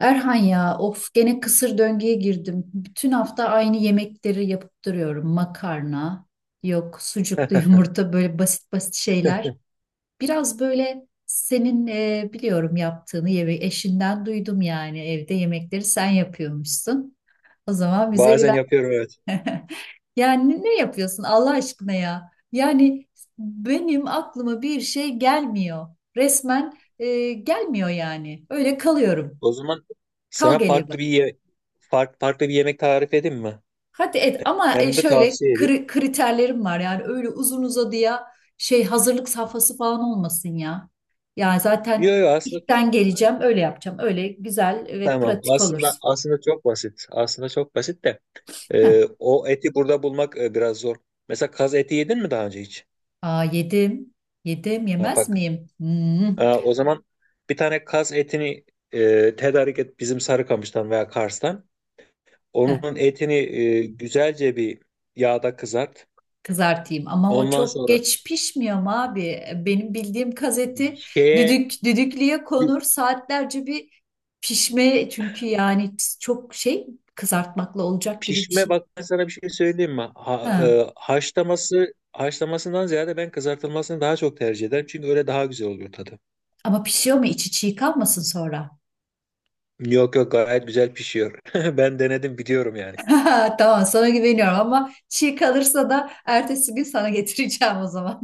Erhan ya of gene kısır döngüye girdim. Bütün hafta aynı yemekleri yapıp duruyorum. Makarna, yok sucuklu yumurta böyle basit basit şeyler. Biraz böyle senin biliyorum yaptığını yemek eşinden duydum yani evde yemekleri sen yapıyormuşsun. O zaman bize Bazen biraz yapıyorum, evet. yani ne yapıyorsun Allah aşkına ya? Yani benim aklıma bir şey gelmiyor. Resmen gelmiyor yani. Öyle kalıyorum. O zaman Kal sana geliyor bana. Farklı bir yemek tarif edeyim mi? Hadi et ama Hem de şöyle tavsiye edeyim. Kriterlerim var yani öyle uzun uzadıya şey hazırlık safhası falan olmasın ya. Yani zaten Yok, yok, aslında işten geleceğim öyle yapacağım öyle güzel ve tamam. pratik Aslında olursun. aslında çok basit. Aslında çok basit de Heh. O eti burada bulmak biraz zor. Mesela kaz eti yedin mi daha önce hiç? Aa, yedim Ha, yemez bak. miyim? Hmm. Ha, o zaman bir tane kaz etini tedarik et bizim Sarıkamış'tan veya Kars'tan. Heh, Onun etini güzelce bir yağda kızart. kızartayım ama o Ondan çok sonra geç pişmiyor mu abi? Benim bildiğim gazeti şeye. düdük düdüklüye konur saatlerce bir pişme çünkü yani çok şey kızartmakla olacak gibi bir Pişme, şey. bak ben sana bir şey söyleyeyim mi? Ha. Haşlaması haşlamasından ziyade ben kızartılmasını daha çok tercih ederim. Çünkü öyle daha güzel oluyor tadı. Ama pişiyor mu içi çiğ kalmasın sonra? Yok, yok, gayet güzel pişiyor. Ben denedim, biliyorum yani. Tamam sana güveniyorum ama çiğ kalırsa da ertesi gün sana getireceğim o zaman.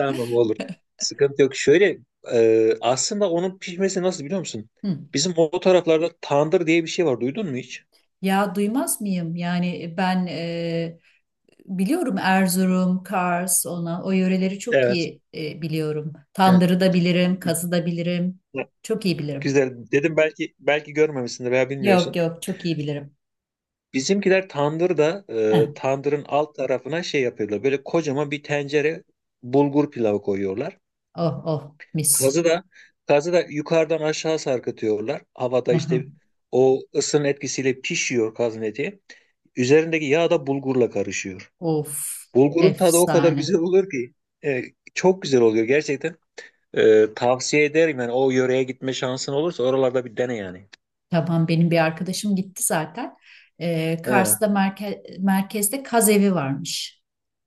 olur. Sıkıntı yok. Şöyle, aslında onun pişmesi nasıl, biliyor musun? Hı. Bizim o taraflarda tandır diye bir şey var. Duydun mu hiç? Ya duymaz mıyım? Yani ben biliyorum Erzurum, Kars, ona o yöreleri çok Evet. iyi biliyorum. Evet. Tandırı da bilirim, kazı da bilirim. Çok iyi bilirim. Güzel. Dedim belki görmemişsindir veya Yok bilmiyorsun. yok çok iyi bilirim. Bizimkiler tandırda, Heh. tandırın alt tarafına şey yapıyorlar. Böyle kocaman bir tencere bulgur pilavı koyuyorlar. Oh oh mis. Kazı da kazı da yukarıdan aşağı sarkıtıyorlar. Havada Hı hı. işte o ısının etkisiyle pişiyor kazın eti. Üzerindeki yağ da bulgurla karışıyor. Of Bulgurun tadı o kadar efsane. güzel olur ki, e, çok güzel oluyor gerçekten. Tavsiye ederim yani, o yöreye gitme şansın olursa oralarda bir dene yani. Tamam benim bir arkadaşım gitti zaten. He, Kars'ta merkezde kaz evi varmış.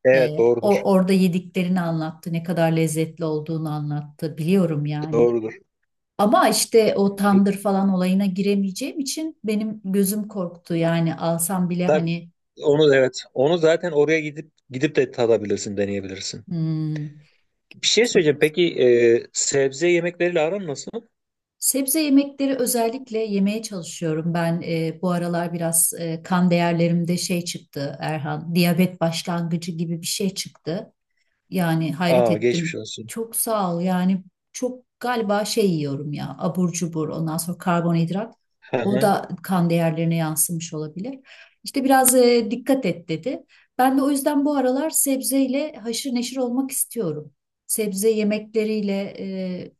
evet, doğrudur. O orada yediklerini anlattı, ne kadar lezzetli olduğunu anlattı. Biliyorum yani. Doğrudur. Ama işte o E, tandır falan olayına giremeyeceğim için benim gözüm korktu. Yani alsam bile tabii. hani Onu, evet. Onu zaten oraya gidip gidip de tadabilirsin, deneyebilirsin. hmm, Bir şey çok- söyleyeceğim. Peki, sebze yemekleriyle aran nasıl? sebze yemekleri özellikle yemeye çalışıyorum. Ben bu aralar biraz kan değerlerimde şey çıktı Erhan, diyabet başlangıcı gibi bir şey çıktı. Yani hayret Aa, geçmiş ettim. olsun. Çok sağ ol. Yani çok galiba şey yiyorum ya abur cubur ondan sonra karbonhidrat. Hı O hı, da kan değerlerine yansımış olabilir. İşte biraz dikkat et dedi. Ben de o yüzden bu aralar sebzeyle haşır neşir olmak istiyorum. Sebze yemekleriyle e,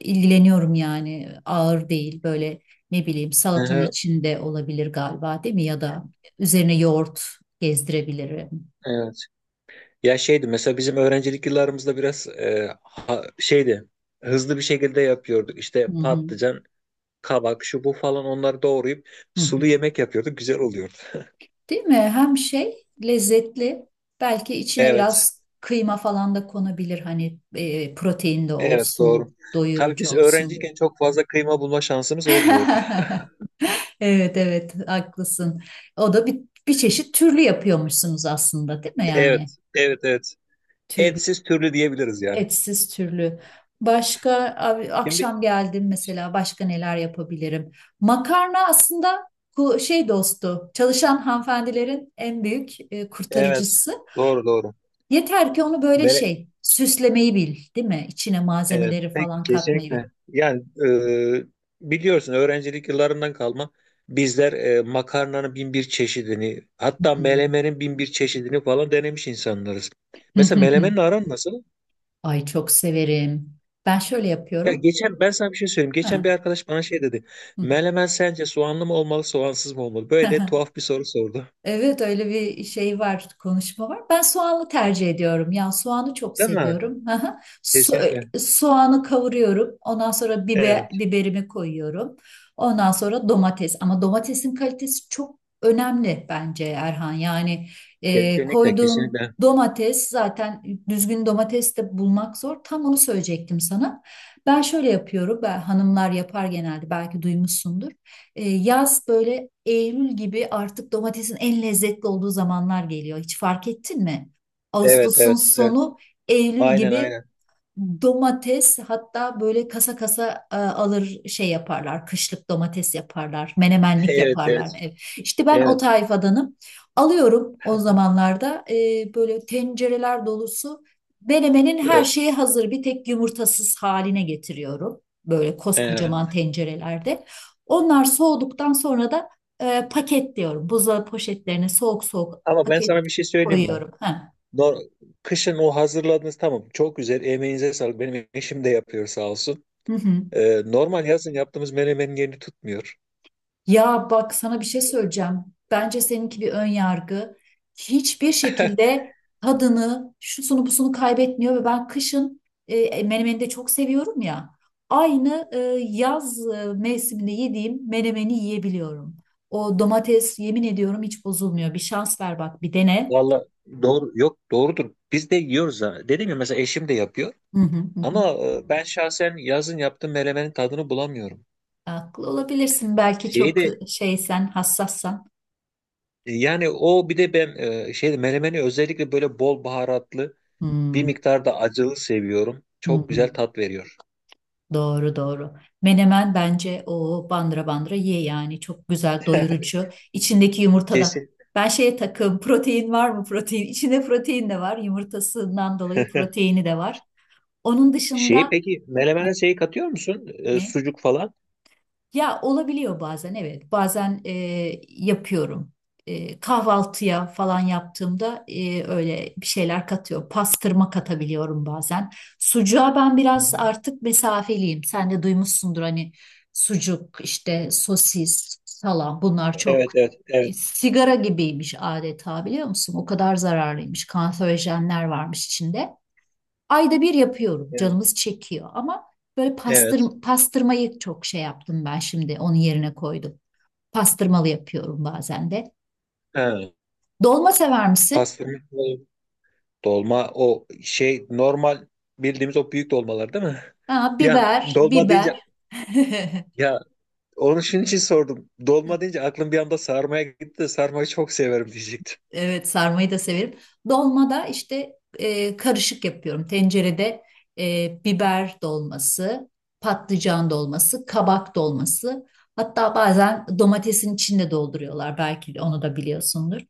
ilgileniyorum yani ağır değil böyle ne bileyim hı salatanın hı. içinde olabilir galiba değil mi? Ya da üzerine yoğurt gezdirebilirim. Evet. Ya şeydi, mesela bizim öğrencilik yıllarımızda biraz şeydi, hızlı bir şekilde yapıyorduk. İşte Hı hı. patlıcan, kabak, şu bu falan, onları doğrayıp Hı sulu hı. yemek yapıyorduk. Güzel oluyordu. Değil mi? Hem şey lezzetli. Belki içine Evet. biraz kıyma falan da konabilir. Hani protein de Evet, doğru. olsun, Tabii doyurucu biz olsun. öğrenciyken çok fazla kıyma bulma şansımız olmuyordu. Evet evet haklısın. O da bir çeşit türlü yapıyormuşsunuz aslında değil mi yani? Evet. Evet, evet. Türlü, Etsiz türlü diyebiliriz yani. etsiz türlü. Başka abi, Şimdi akşam geldim mesela başka neler yapabilirim? Makarna aslında şey dostu, çalışan hanımefendilerin en büyük evet, kurtarıcısı. doğru doğru. Yeter ki onu böyle Mere- şey süslemeyi bil, değil mi? İçine evet, malzemeleri pek falan katmayı bil. kesinlikle. Yani e, biliyorsun, öğrencilik yıllarından kalma bizler makarnanın bin bir çeşidini, hatta melemenin bin bir çeşidini falan denemiş insanlarız. Mesela melemenin Hmm. aran nasıl? Ay çok severim. Ben şöyle Ya yapıyorum. geçen, ben sana bir şey söyleyeyim. Geçen bir Ha. arkadaş bana şey dedi. Melemen sence soğanlı mı olmalı, soğansız mı olmalı? Böyle de tuhaf bir soru sordu. Evet öyle bir şey var, konuşma var. Ben soğanlı tercih ediyorum. Ya soğanı çok Değil mi? seviyorum. Aha. Kesinlikle. Soğanı kavuruyorum. Ondan sonra biber, Evet. biberimi koyuyorum. Ondan sonra domates. Ama domatesin kalitesi çok önemli bence Erhan. Yani Kesinlikle, koyduğun kesinlikle. domates zaten düzgün domates de bulmak zor. Tam onu söyleyecektim sana. Ben şöyle yapıyorum. Ben, hanımlar yapar genelde belki duymuşsundur. E, yaz böyle Eylül gibi artık domatesin en lezzetli olduğu zamanlar geliyor. Hiç fark ettin mi? Evet, Ağustos'un evet, evet. sonu Eylül Aynen, gibi aynen. domates hatta böyle kasa kasa alır şey yaparlar. Kışlık domates yaparlar. Menemenlik Evet, yaparlar evet. ev. İşte ben o Evet. tayfadanım. Alıyorum o zamanlarda böyle tencereler dolusu menemenin her E, şeyi hazır bir tek yumurtasız haline getiriyorum. Böyle koskocaman Evet. tencerelerde. Onlar soğuduktan sonra da paketliyorum. Buzdolabı poşetlerine soğuk soğuk Ama ben paket sana bir şey söyleyeyim mi? koyuyorum. Ha. No- Kışın o hazırladığınız tamam, çok güzel, emeğinize sağlık. Benim eşim de yapıyor, sağ olsun. Hı hı. Normal yazın yaptığımız menemenin yerini tutmuyor. Ya bak sana bir şey söyleyeceğim. Bence seninki bir ön yargı. Hiçbir şekilde tadını, şusunu busunu kaybetmiyor ve ben kışın menemeni de çok seviyorum ya. Aynı yaz mevsiminde yediğim menemeni yiyebiliyorum. O domates yemin ediyorum hiç bozulmuyor. Bir şans ver bak bir dene. Valla doğru, yok doğrudur. Biz de yiyoruz ha. Dedim ya, mesela eşim de yapıyor. Hı hı hı. Hı. Ama ben şahsen yazın yaptığım menemenin tadını bulamıyorum. Haklı olabilirsin belki Şeyi çok de, şeysen, hassassan. yani o bir de ben şeyde, menemeni özellikle böyle bol baharatlı, bir Hı miktar da acılı seviyorum. hı. Çok Hı. güzel tat veriyor. Doğru doğru. Menemen bence o bandıra bandıra ye yani çok güzel doyurucu. İçindeki yumurtadan Kesin. ben şeye takım protein var mı protein? İçinde protein de var yumurtasından dolayı proteini de var. Onun Şeyi, dışında peki melemene şeyi katıyor musun? Ne? Sucuk falan. Ya olabiliyor bazen evet. Bazen yapıyorum. E, kahvaltıya falan yaptığımda öyle bir şeyler katıyor. Pastırma katabiliyorum bazen. Sucuğa ben Hı biraz hı. artık mesafeliyim. Sen de duymuşsundur hani sucuk, işte sosis, salam bunlar Evet, çok evet, evet. sigara gibiymiş adeta biliyor musun? O kadar zararlıymış. Kanserojenler varmış içinde. Ayda bir yapıyorum. Yani, Canımız çekiyor ama böyle evet. Pastırmayı çok şey yaptım ben şimdi onun yerine koydum. Pastırmalı yapıyorum bazen de. Ha, Dolma sever misin? pastırma dolma, o şey, normal bildiğimiz o büyük dolmalar değil mi? Ha, Bir an, biber, dolma deyince, biber. ya onun şunun için sordum. Dolma deyince aklım bir anda sarmaya gitti de, sarmayı çok severim diyecektim. Evet sarmayı da severim. Dolmada işte karışık yapıyorum. Tencerede biber dolması, patlıcan dolması, kabak dolması. Hatta bazen domatesin içinde dolduruyorlar. Belki de onu da biliyorsundur.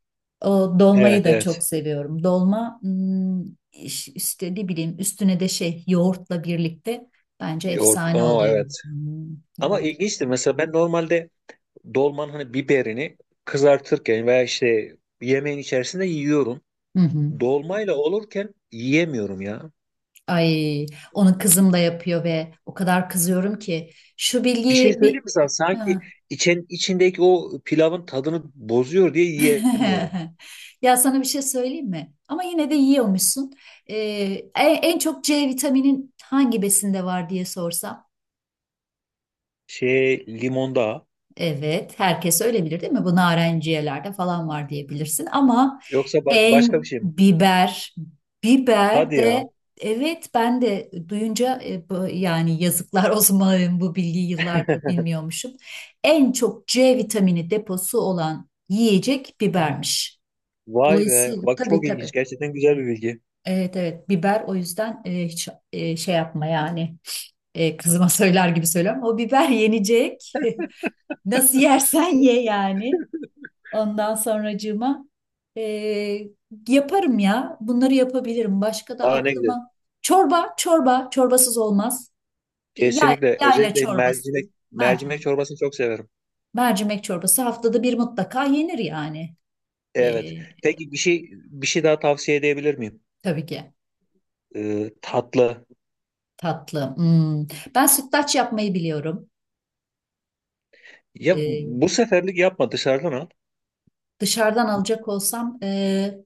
O dolmayı Evet, da çok evet. seviyorum. Dolma hmm, işte ne bileyim üstüne de şey yoğurtla birlikte bence Yoğurt. efsane Aa, oluyor. evet. Hmm, Ama yoğurt. ilginçtir. Mesela ben normalde dolmanın hani biberini kızartırken veya işte yemeğin içerisinde yiyorum. Hı hı. Dolmayla olurken yiyemiyorum ya. Ay, onu kızım da yapıyor ve o kadar kızıyorum ki şu Bir şey bilgiyi bir söyleyeyim mi sana? Sanki ha. İçindeki o pilavın tadını bozuyor diye yiyemiyorum. Ya sana bir şey söyleyeyim mi? Ama yine de yiyormuşsun. Ee, en çok C vitaminin hangi besinde var diye sorsam. Şey, limonda. Evet, herkes öyle bilir değil mi? Bu narenciyelerde falan var diyebilirsin ama Yoksa başka bir en şey mi? biber, Hadi biber ya. de evet ben de duyunca yani yazıklar olsun bana, bu bilgiyi yıllardır bilmiyormuşum. En çok C vitamini deposu olan yiyecek bibermiş. Vay be. Dolayısıyla Bak, tabii çok ilginç. tabii. Gerçekten güzel bir bilgi. Evet evet biber o yüzden hiç şey yapma yani e, kızıma söyler gibi söylüyorum. O biber yenecek. Nasıl yersen ye yani. Ondan sonracığıma eee, yaparım ya. Bunları yapabilirim. Başka da Aa, ne güzel. aklıma çorba, çorba, çorbasız olmaz. E, Yay, Kesinlikle. yayla Özellikle çorbası, mercimek mercimek. çorbasını çok severim. Mercimek çorbası haftada bir mutlaka yenir yani. Evet. Eee, Peki, bir şey daha tavsiye edebilir miyim? tabii ki Tatlı. tatlı. Hmm. Ben sütlaç yapmayı biliyorum. Ya Eee, bu seferlik yapma, dışarıdan al. dışarıdan alacak olsam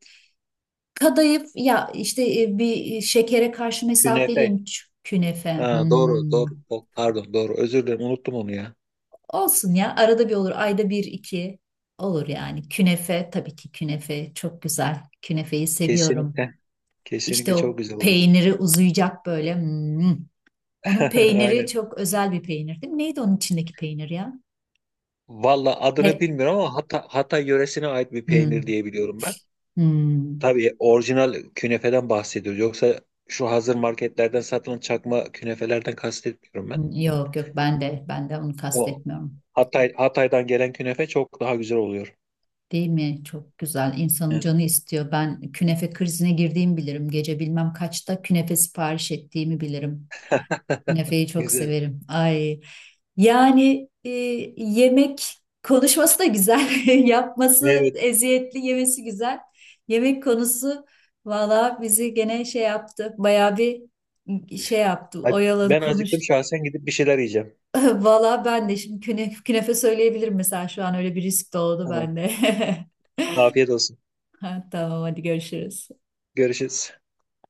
kadayıf ya işte bir şekere karşı mesafeliyim Künefe. Künefe. Ha, doğru Hmm. doğru. Pardon, doğru, özür dilerim, unuttum onu ya. Olsun ya arada bir olur ayda bir iki olur yani künefe tabii ki künefe çok güzel künefeyi seviyorum Kesinlikle, işte kesinlikle, çok o güzel oluyor. peyniri uzayacak böyle hmm. Onun peyniri Aynen. çok özel bir peynir değil mi? Neydi onun içindeki peynir ya? Valla adını He. bilmiyorum ama Hatay yöresine ait bir peynir Hmm. diye biliyorum ben. Hmm. Tabii orijinal künefeden bahsediyoruz. Yoksa şu hazır marketlerden satılan çakma künefelerden kastetmiyorum ben. Yok yok ben de onu O kastetmiyorum Hatay'dan gelen künefe çok daha güzel oluyor. değil mi? Çok güzel insanın Evet. canı istiyor ben künefe krizine girdiğimi bilirim gece bilmem kaçta künefe sipariş ettiğimi bilirim. Künefeyi çok Güzel. severim. Ay. Yani yemek konuşması da güzel, yapması Evet. eziyetli, yemesi güzel. Yemek konusu valla bizi gene şey yaptı, bayağı bir şey yaptı, Hadi, oyaladı ben acıktım konuştu. şahsen, gidip bir şeyler yiyeceğim. Valla ben de şimdi künefe söyleyebilirim mesela şu an öyle bir risk doğdu Tamam. bende. Afiyet olsun. Ha, tamam hadi görüşürüz. Görüşürüz.